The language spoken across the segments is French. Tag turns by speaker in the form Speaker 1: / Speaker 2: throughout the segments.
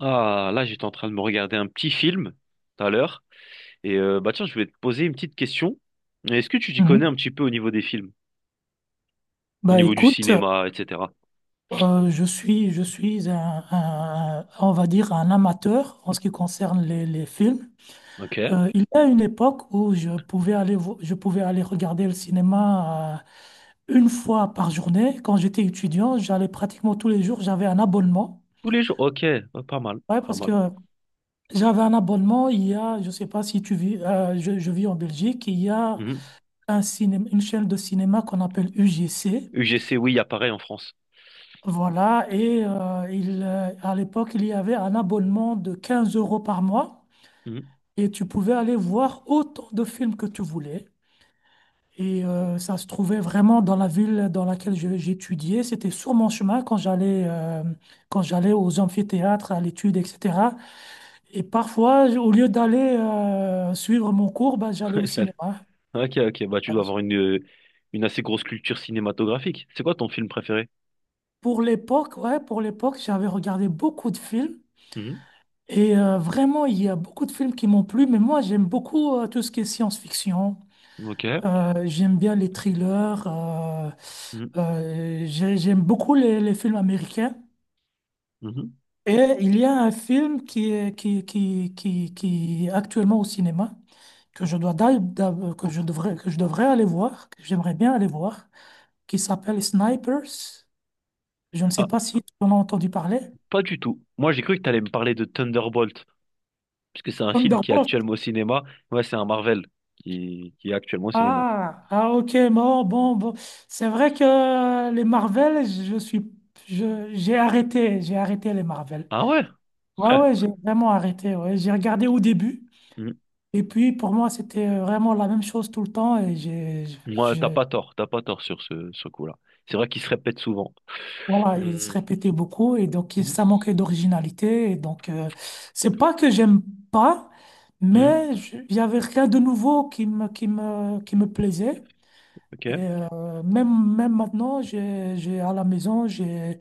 Speaker 1: Ah, là, j'étais en train de me regarder un petit film tout à l'heure. Bah tiens, je vais te poser une petite question. Est-ce que tu t'y connais
Speaker 2: Mhm.
Speaker 1: un petit peu au niveau des films, au
Speaker 2: Bah
Speaker 1: niveau du
Speaker 2: écoute,
Speaker 1: cinéma, etc.?
Speaker 2: je suis on va dire un amateur en ce qui concerne les films.
Speaker 1: Ok.
Speaker 2: Il y a une époque où je pouvais aller regarder le cinéma une fois par journée. Quand j'étais étudiant, j'allais pratiquement tous les jours. J'avais un abonnement.
Speaker 1: Tous les jours. Ok. Ah, pas mal.
Speaker 2: Ouais,
Speaker 1: Pas
Speaker 2: parce
Speaker 1: mal.
Speaker 2: que j'avais un abonnement. Il y a, je sais pas si tu vis, je vis en Belgique. Il y a
Speaker 1: Mhm.
Speaker 2: un cinéma, une chaîne de cinéma qu'on appelle UGC.
Speaker 1: UGC, oui, il y a pareil en France.
Speaker 2: Voilà. Et à l'époque, il y avait un abonnement de 15 euros par mois.
Speaker 1: Mhm.
Speaker 2: Et tu pouvais aller voir autant de films que tu voulais. Et ça se trouvait vraiment dans la ville dans laquelle j'étudiais. C'était sur mon chemin quand j'allais aux amphithéâtres, à l'étude, etc. Et parfois, au lieu d'aller suivre mon cours, bah, j'allais au cinéma.
Speaker 1: Ok, ok. Bah tu dois avoir une assez grosse culture cinématographique. C'est quoi ton film préféré?
Speaker 2: Pour l'époque, ouais, pour l'époque, j'avais regardé beaucoup de films.
Speaker 1: Mhm.
Speaker 2: Et vraiment, il y a beaucoup de films qui m'ont plu. Mais moi, j'aime beaucoup tout ce qui est science-fiction.
Speaker 1: Ok.
Speaker 2: J'aime bien les thrillers.
Speaker 1: Mhm.
Speaker 2: J'aime beaucoup les films américains.
Speaker 1: Mhm.
Speaker 2: Et il y a un film qui est actuellement au cinéma, que je dois, d'a- d'a- que je devrais aller voir, que j'aimerais bien aller voir, qui s'appelle Snipers. Je ne sais
Speaker 1: Ah,
Speaker 2: pas si tu en as entendu parler.
Speaker 1: pas du tout. Moi, j'ai cru que tu allais me parler de Thunderbolt. Parce que c'est un film qui est
Speaker 2: Thunderbolt.
Speaker 1: actuellement au cinéma. Ouais, c'est un Marvel qui est actuellement au cinéma.
Speaker 2: Ah, ah, ok, bon, bon, bon. C'est vrai que les Marvel, j'ai arrêté les Marvel.
Speaker 1: Ah ouais?
Speaker 2: Ouais, ouais, j'ai vraiment arrêté. Ouais. J'ai regardé au début,
Speaker 1: Hmm.
Speaker 2: et puis pour moi, c'était vraiment la même chose tout le temps, et j'ai.
Speaker 1: Moi, t'as pas tort sur ce coup-là. C'est vrai qu'il se répète souvent.
Speaker 2: Voilà, il se
Speaker 1: Hmm.
Speaker 2: répétait beaucoup et donc
Speaker 1: Hmm.
Speaker 2: ça manquait d'originalité. Et donc, c'est pas que j'aime pas,
Speaker 1: Hmm.
Speaker 2: mais il y avait rien de nouveau qui me plaisait. Et
Speaker 1: Ok.
Speaker 2: même maintenant, j'ai à la maison, j'ai,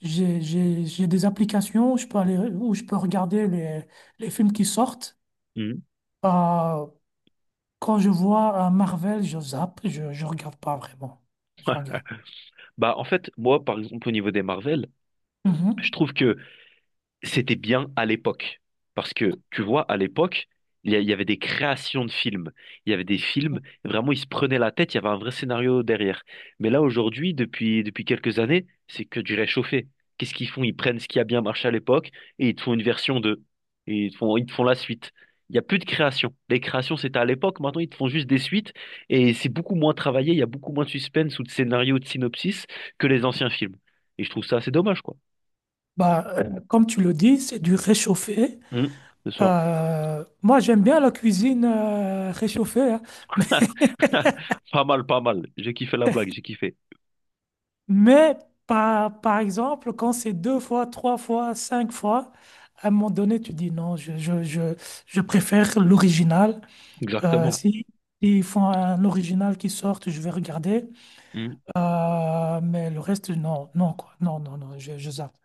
Speaker 2: j'ai, j'ai, j'ai des applications où je peux regarder les films qui sortent.
Speaker 1: Hmm.
Speaker 2: Euh, Quand je vois un Marvel, je zappe, je regarde pas vraiment. Je regarde.
Speaker 1: Bah, en fait, moi, par exemple, au niveau des Marvel, je
Speaker 2: Mhm.
Speaker 1: trouve que c'était bien à l'époque. Parce que, tu vois, à l'époque, il y avait des créations de films. Il y avait des films, vraiment, ils se prenaient la tête, il y avait un vrai scénario derrière. Mais là, aujourd'hui, depuis quelques années, c'est que du réchauffé. Qu'est-ce qu'ils font? Ils prennent ce qui a bien marché à l'époque et ils te font une version deux. Et ils te font la suite. Il n'y a plus de création. Les créations, c'était à l'époque. Maintenant, ils te font juste des suites. Et c'est beaucoup moins travaillé. Il y a beaucoup moins de suspense ou de scénario, de synopsis que les anciens films. Et je trouve ça assez dommage, quoi.
Speaker 2: Bah, comme tu le dis, c'est du réchauffé.
Speaker 1: Hum, ce soir.
Speaker 2: Moi, j'aime bien la cuisine réchauffée, hein.
Speaker 1: Pas mal, pas mal. J'ai kiffé la blague, j'ai kiffé.
Speaker 2: Mais par exemple, quand c'est deux fois, trois fois, cinq fois, à un moment donné, tu dis non, je préfère l'original.
Speaker 1: Exactement.
Speaker 2: Si, ils font un original qui sort, je vais regarder.
Speaker 1: Hmm,
Speaker 2: Mais le reste, non, non, quoi. Non, non, non, je zappe.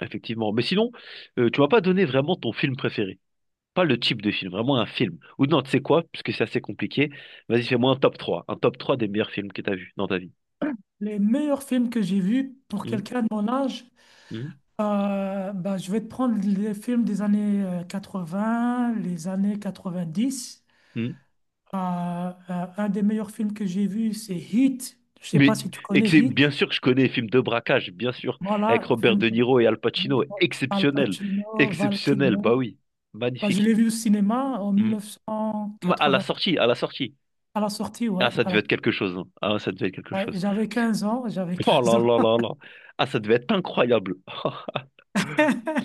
Speaker 1: effectivement. Mais sinon, tu m'as pas donné vraiment ton film préféré. Pas le type de film, vraiment un film. Ou non, tu sais quoi, parce que c'est assez compliqué. Vas-y, fais-moi un top 3, un top 3 des meilleurs films que tu as vus dans ta vie.
Speaker 2: Les meilleurs films que j'ai vus pour
Speaker 1: Hmm,
Speaker 2: quelqu'un de mon âge.
Speaker 1: hmm,
Speaker 2: Bah, je vais te prendre les films des années vingts les années 90.
Speaker 1: hmm.
Speaker 2: Euh, euh, un des meilleurs films que j'ai vu, c'est Heat. Je sais
Speaker 1: Mais,
Speaker 2: pas si tu
Speaker 1: et que
Speaker 2: connais
Speaker 1: c'est
Speaker 2: Heat.
Speaker 1: bien sûr que je connais les films de braquage, bien sûr, avec
Speaker 2: Voilà,
Speaker 1: Robert
Speaker 2: film
Speaker 1: De Niro et Al
Speaker 2: de
Speaker 1: Pacino.
Speaker 2: Al
Speaker 1: Exceptionnel.
Speaker 2: Pacino, Val
Speaker 1: Exceptionnel,
Speaker 2: Kilmer.
Speaker 1: bah oui.
Speaker 2: Bah, je
Speaker 1: Magnifique.
Speaker 2: l'ai vu au cinéma en
Speaker 1: Hmm. À la
Speaker 2: 1980,
Speaker 1: sortie, à la sortie.
Speaker 2: à la sortie,
Speaker 1: Ah,
Speaker 2: ouais.
Speaker 1: ça devait être quelque chose, hein. Ah, ça devait être quelque
Speaker 2: Ouais,
Speaker 1: chose.
Speaker 2: j'avais 15 ans, j'avais
Speaker 1: Oh
Speaker 2: 15
Speaker 1: là
Speaker 2: ans.
Speaker 1: là là là. Ah, ça devait être incroyable.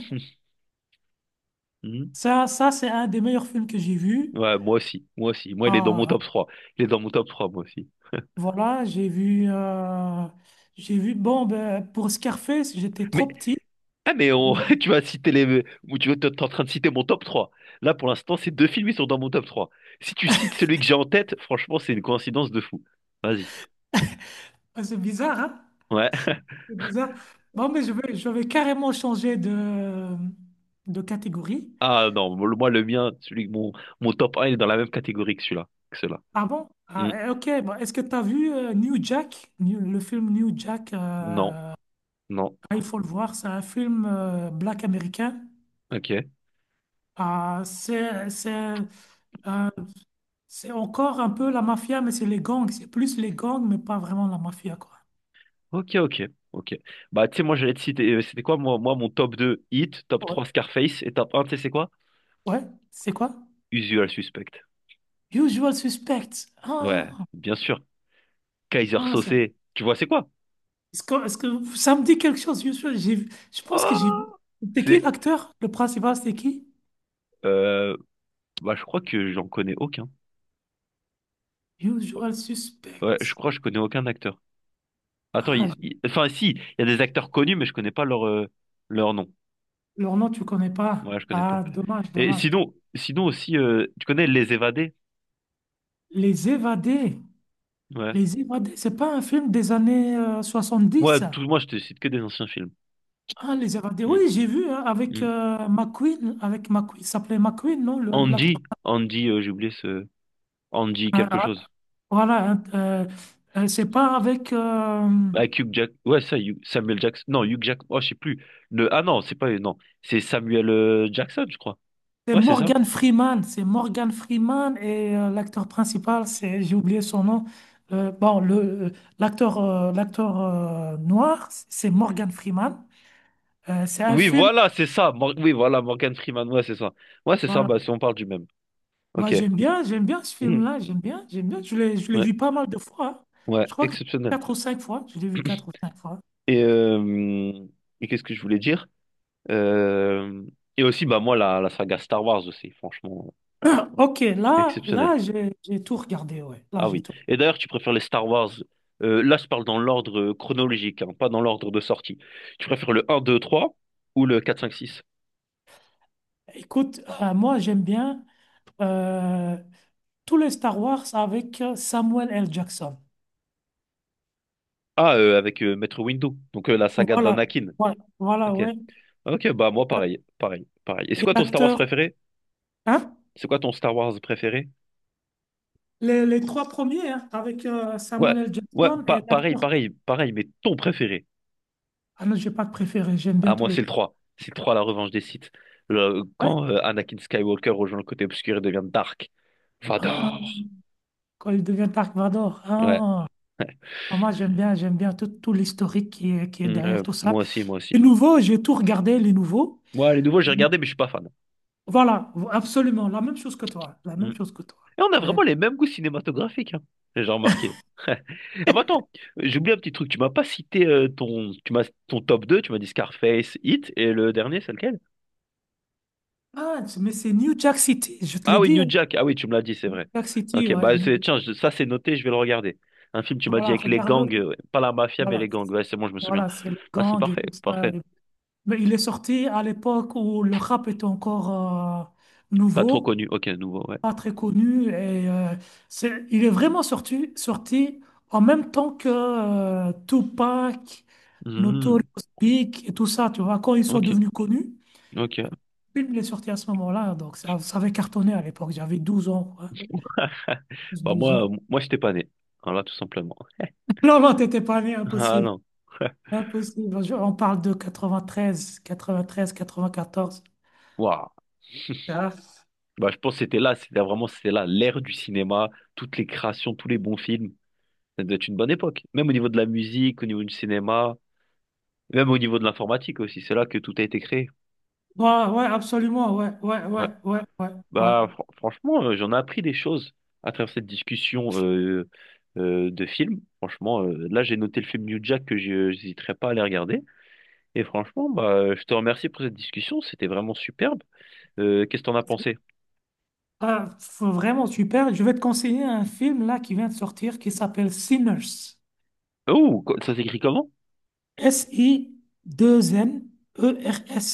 Speaker 1: Hmm.
Speaker 2: Ça c'est un des meilleurs films que j'ai vu.
Speaker 1: Ouais, moi aussi, moi aussi. Moi, il est dans mon
Speaker 2: Euh,
Speaker 1: top 3. Il est dans mon top 3, moi aussi.
Speaker 2: Voilà, bon, ben, pour Scarface, j'étais
Speaker 1: Mais,
Speaker 2: trop petit.
Speaker 1: ah, mais tu vas citer les... ou tu es en train de citer mon top 3. Là, pour l'instant, ces deux films, ils sont dans mon top 3. Si tu cites celui que j'ai en tête, franchement, c'est une coïncidence de fou. Vas-y.
Speaker 2: Ah, c'est bizarre, hein?
Speaker 1: Ouais.
Speaker 2: C'est bizarre. Bon, mais je vais carrément changer de catégorie.
Speaker 1: Ah non, moi, le mien, celui, mon top un, il est dans la même catégorie que celui-là. Que ceux-là.
Speaker 2: Ah bon?
Speaker 1: Hmm.
Speaker 2: Ah, eh, ok, bon, est-ce que tu as vu le film New Jack
Speaker 1: Non,
Speaker 2: ah,
Speaker 1: non.
Speaker 2: il faut le voir, c'est un film black américain.
Speaker 1: Ok.
Speaker 2: Ah, euh, c'est encore un peu la mafia, mais c'est les gangs. C'est plus les gangs, mais pas vraiment la mafia, quoi.
Speaker 1: Ok, ok, ok. Bah, tu sais, moi, j'allais te citer, c'était quoi, moi, mon top 2 Hit, top
Speaker 2: Ouais,
Speaker 1: 3 Scarface, et top un, tu sais, c'est quoi?
Speaker 2: ouais, c'est quoi?
Speaker 1: Usual Suspect.
Speaker 2: Usual Suspect.
Speaker 1: Ouais,
Speaker 2: Ah,
Speaker 1: bien sûr. Kaiser
Speaker 2: ah,
Speaker 1: Saucé, tu vois, c'est quoi?
Speaker 2: est-ce que ça me dit quelque chose, Usual? Je pense que j'ai vu.
Speaker 1: Oh,
Speaker 2: C'était qui
Speaker 1: c'est,
Speaker 2: l'acteur? Le principal, c'était qui?
Speaker 1: euh, bah, je crois que j'en connais aucun.
Speaker 2: Usual
Speaker 1: Ouais, je
Speaker 2: Suspect.
Speaker 1: crois que je connais aucun acteur. Attends,
Speaker 2: Ah,
Speaker 1: enfin, si, il y a des acteurs connus, mais je connais pas leur, leur nom.
Speaker 2: leur nom, tu connais pas.
Speaker 1: Ouais, je connais pas.
Speaker 2: Ah, dommage,
Speaker 1: Et
Speaker 2: dommage.
Speaker 1: sinon, sinon aussi, tu connais Les Évadés?
Speaker 2: Les Évadés.
Speaker 1: Ouais.
Speaker 2: Les Évadés, c'est pas un film des années 70,
Speaker 1: Ouais,
Speaker 2: ça?
Speaker 1: tout, moi, je te cite que des anciens films.
Speaker 2: Ah, Les Évadés. Oui,
Speaker 1: Mm,
Speaker 2: j'ai vu hein, avec
Speaker 1: mm.
Speaker 2: McQueen. Avec McQueen. Il s'appelait McQueen, non, l'acteur?
Speaker 1: Andy, j'ai oublié ce Andy quelque chose.
Speaker 2: Voilà, c'est pas avec.
Speaker 1: Avec Hugh Jack, ouais ça, Samuel Jackson, non Hugh Jack, oh je sais plus. Le... Ah non, c'est pas non, c'est Samuel Jackson, je crois.
Speaker 2: C'est
Speaker 1: Ouais c'est ça.
Speaker 2: Morgan Freeman. C'est Morgan Freeman et l'acteur principal, j'ai oublié son nom. Bon, euh, l'acteur, noir, c'est Morgan Freeman. C'est un
Speaker 1: Oui
Speaker 2: film.
Speaker 1: voilà, c'est ça. Oui voilà, Morgan Freeman, ouais c'est ça. Ouais c'est ça,
Speaker 2: Voilà.
Speaker 1: bah si on parle du même.
Speaker 2: Bah,
Speaker 1: Ok.
Speaker 2: j'aime bien ce
Speaker 1: Mhm.
Speaker 2: film-là. J'aime bien, j'aime bien. Je l'ai
Speaker 1: Ouais,
Speaker 2: vu pas mal de fois. Hein.
Speaker 1: ouais,
Speaker 2: Je crois que
Speaker 1: exceptionnel.
Speaker 2: quatre ou cinq fois. Je l'ai vu quatre ou cinq fois.
Speaker 1: Et, qu'est-ce que je voulais dire? Euh, Et aussi bah moi la saga Star Wars aussi, franchement
Speaker 2: Ok, là,
Speaker 1: exceptionnel.
Speaker 2: là, j'ai tout regardé. Ouais, là,
Speaker 1: Ah
Speaker 2: j'ai
Speaker 1: oui.
Speaker 2: tout.
Speaker 1: Et d'ailleurs, tu préfères les Star Wars. Là, je parle dans l'ordre chronologique, hein, pas dans l'ordre de sortie. Tu préfères le un, 2, 3 ou le quatre, cinq, six?
Speaker 2: Écoute, moi, j'aime bien. euh, Tous les Star Wars avec Samuel L. Jackson.
Speaker 1: Ah, avec Maître Windu, donc la saga
Speaker 2: Voilà,
Speaker 1: d'Anakin.
Speaker 2: voilà, voilà,
Speaker 1: Ok.
Speaker 2: ouais.
Speaker 1: Ok, bah moi pareil, pareil, pareil. Et c'est
Speaker 2: Et
Speaker 1: quoi ton Star Wars
Speaker 2: l'acteur,
Speaker 1: préféré?
Speaker 2: hein?
Speaker 1: C'est quoi ton Star Wars préféré?
Speaker 2: Les trois premiers, hein, avec
Speaker 1: Ouais,
Speaker 2: Samuel L.
Speaker 1: ouais,
Speaker 2: Jackson et
Speaker 1: pareil,
Speaker 2: l'acteur.
Speaker 1: pareil, pareil, mais ton préféré.
Speaker 2: Ah non, j'ai pas de préféré, j'aime bien
Speaker 1: Ah,
Speaker 2: tous
Speaker 1: moi
Speaker 2: les
Speaker 1: c'est le
Speaker 2: trois.
Speaker 1: 3. C'est le 3, la revanche des Sith. Le-
Speaker 2: Ouais.
Speaker 1: quand Anakin Skywalker rejoint le côté obscur et devient Dark Vador.
Speaker 2: Ah, quand il devient Dark Vador.
Speaker 1: Ouais.
Speaker 2: Ah, ah, moi, j'aime bien tout, tout l'historique qui est
Speaker 1: Mm,
Speaker 2: derrière tout ça.
Speaker 1: moi aussi, moi aussi.
Speaker 2: Les nouveaux, j'ai tout regardé, les nouveaux.
Speaker 1: Moi, les nouveaux, j'ai regardé, mais je suis pas fan.
Speaker 2: Voilà, absolument, la même chose que toi, la
Speaker 1: Mm.
Speaker 2: même chose
Speaker 1: Et
Speaker 2: que toi.
Speaker 1: on a
Speaker 2: Mais,
Speaker 1: vraiment les mêmes goûts cinématographiques, hein. J'ai remarqué. Ah, bah attends, j'ai oublié un petit truc. Tu m'as pas cité ton, tu m'as, ton top 2 tu m'as dit Scarface, Hit, et le dernier, c'est lequel?
Speaker 2: ah, mais c'est New Jack City, je te
Speaker 1: Ah
Speaker 2: l'ai
Speaker 1: oui,
Speaker 2: dit,
Speaker 1: New
Speaker 2: hein, New
Speaker 1: Jack. Ah oui, tu me l'as dit, c'est vrai.
Speaker 2: Jack City,
Speaker 1: Ok,
Speaker 2: ouais.
Speaker 1: tiens, ça c'est noté, je vais le regarder. Un film, tu m'as dit,
Speaker 2: Voilà,
Speaker 1: avec les gangs,
Speaker 2: regarde-le.
Speaker 1: ouais. Pas la mafia, mais
Speaker 2: Voilà,
Speaker 1: les gangs. Ouais, c'est bon, je me souviens.
Speaker 2: voilà, c'est le
Speaker 1: Ah, c'est
Speaker 2: gang et
Speaker 1: parfait,
Speaker 2: tout ça.
Speaker 1: parfait.
Speaker 2: Mais il est sorti à l'époque où le rap était encore euh,
Speaker 1: Pas trop
Speaker 2: nouveau,
Speaker 1: connu. Ok, nouveau, ouais.
Speaker 2: pas très connu. Et il est vraiment sorti en même temps que Tupac, Notorious
Speaker 1: Mhm.
Speaker 2: Big et tout ça. Tu vois, quand ils sont
Speaker 1: Ok,
Speaker 2: devenus connus,
Speaker 1: ok.
Speaker 2: il est sorti à ce moment-là. Donc ça avait cartonné à l'époque. J'avais 12 ans, quoi.
Speaker 1: Bah
Speaker 2: 12 ans.
Speaker 1: moi, moi, j'étais pas né. Voilà, tout simplement.
Speaker 2: Non, non, t'étais pas né,
Speaker 1: Ah
Speaker 2: impossible.
Speaker 1: non.
Speaker 2: Impossible. On parle de quatre-vingt-treize, 94.
Speaker 1: Waouh. Bah, je pense que c'était là, c'était là l'ère du cinéma, toutes les créations, tous les bons films. Ça doit être une bonne époque. Même au niveau de la musique, au niveau du cinéma, même au niveau de l'informatique aussi. C'est là que tout a été créé.
Speaker 2: Ah. Ouais, ouais, absolument. Ouais, ouais,
Speaker 1: Ouais.
Speaker 2: ouais, ouais, ouais, ouais.
Speaker 1: Bah, franchement, j'en ai appris des choses à travers cette discussion de films. Franchement, là, j'ai noté le film New Jack que je n'hésiterai pas à aller regarder. Et franchement, bah, je te remercie pour cette discussion. C'était vraiment superbe. Qu'est-ce que t'en as pensé?
Speaker 2: Ah, faut vraiment super. Je vais te conseiller un film là qui vient de sortir qui s'appelle Sinners.
Speaker 1: Oh, ça s'écrit comment?
Speaker 2: S-I-2-N-E-R-S.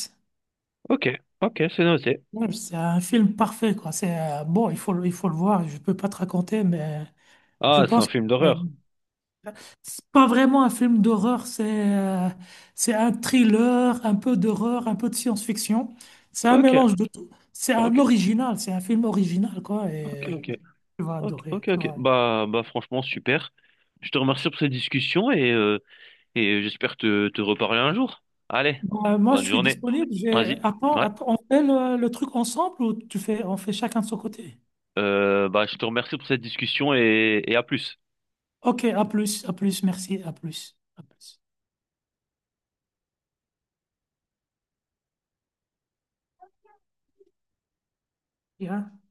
Speaker 1: Ok, ok, c'est noté.
Speaker 2: Ouais, c'est un film parfait, quoi. C'est bon, il faut le voir. Je peux pas te raconter, mais je
Speaker 1: Ah, c'est un
Speaker 2: pense.
Speaker 1: film d'horreur.
Speaker 2: C'est pas vraiment un film d'horreur, euh, c'est un thriller, un peu d'horreur, un peu de science-fiction. C'est un
Speaker 1: Ok,
Speaker 2: mélange de tout. C'est un
Speaker 1: ok,
Speaker 2: original, c'est un film original, quoi.
Speaker 1: ok,
Speaker 2: Et
Speaker 1: ok,
Speaker 2: tu vas
Speaker 1: ok,
Speaker 2: adorer,
Speaker 1: ok,
Speaker 2: tu vas.
Speaker 1: ok.
Speaker 2: Adorer.
Speaker 1: Bah, bah, franchement, super. Je te remercie pour cette discussion et j'espère te reparler un jour. Allez,
Speaker 2: Moi, je
Speaker 1: bonne
Speaker 2: suis
Speaker 1: journée.
Speaker 2: disponible. J'ai.
Speaker 1: Vas-y.
Speaker 2: Attends,
Speaker 1: Ouais.
Speaker 2: attends, on fait le truc ensemble ou on fait chacun de son côté?
Speaker 1: Bah, je te remercie pour cette discussion et à plus.
Speaker 2: Ok, à plus, merci, à plus, à plus. Bien.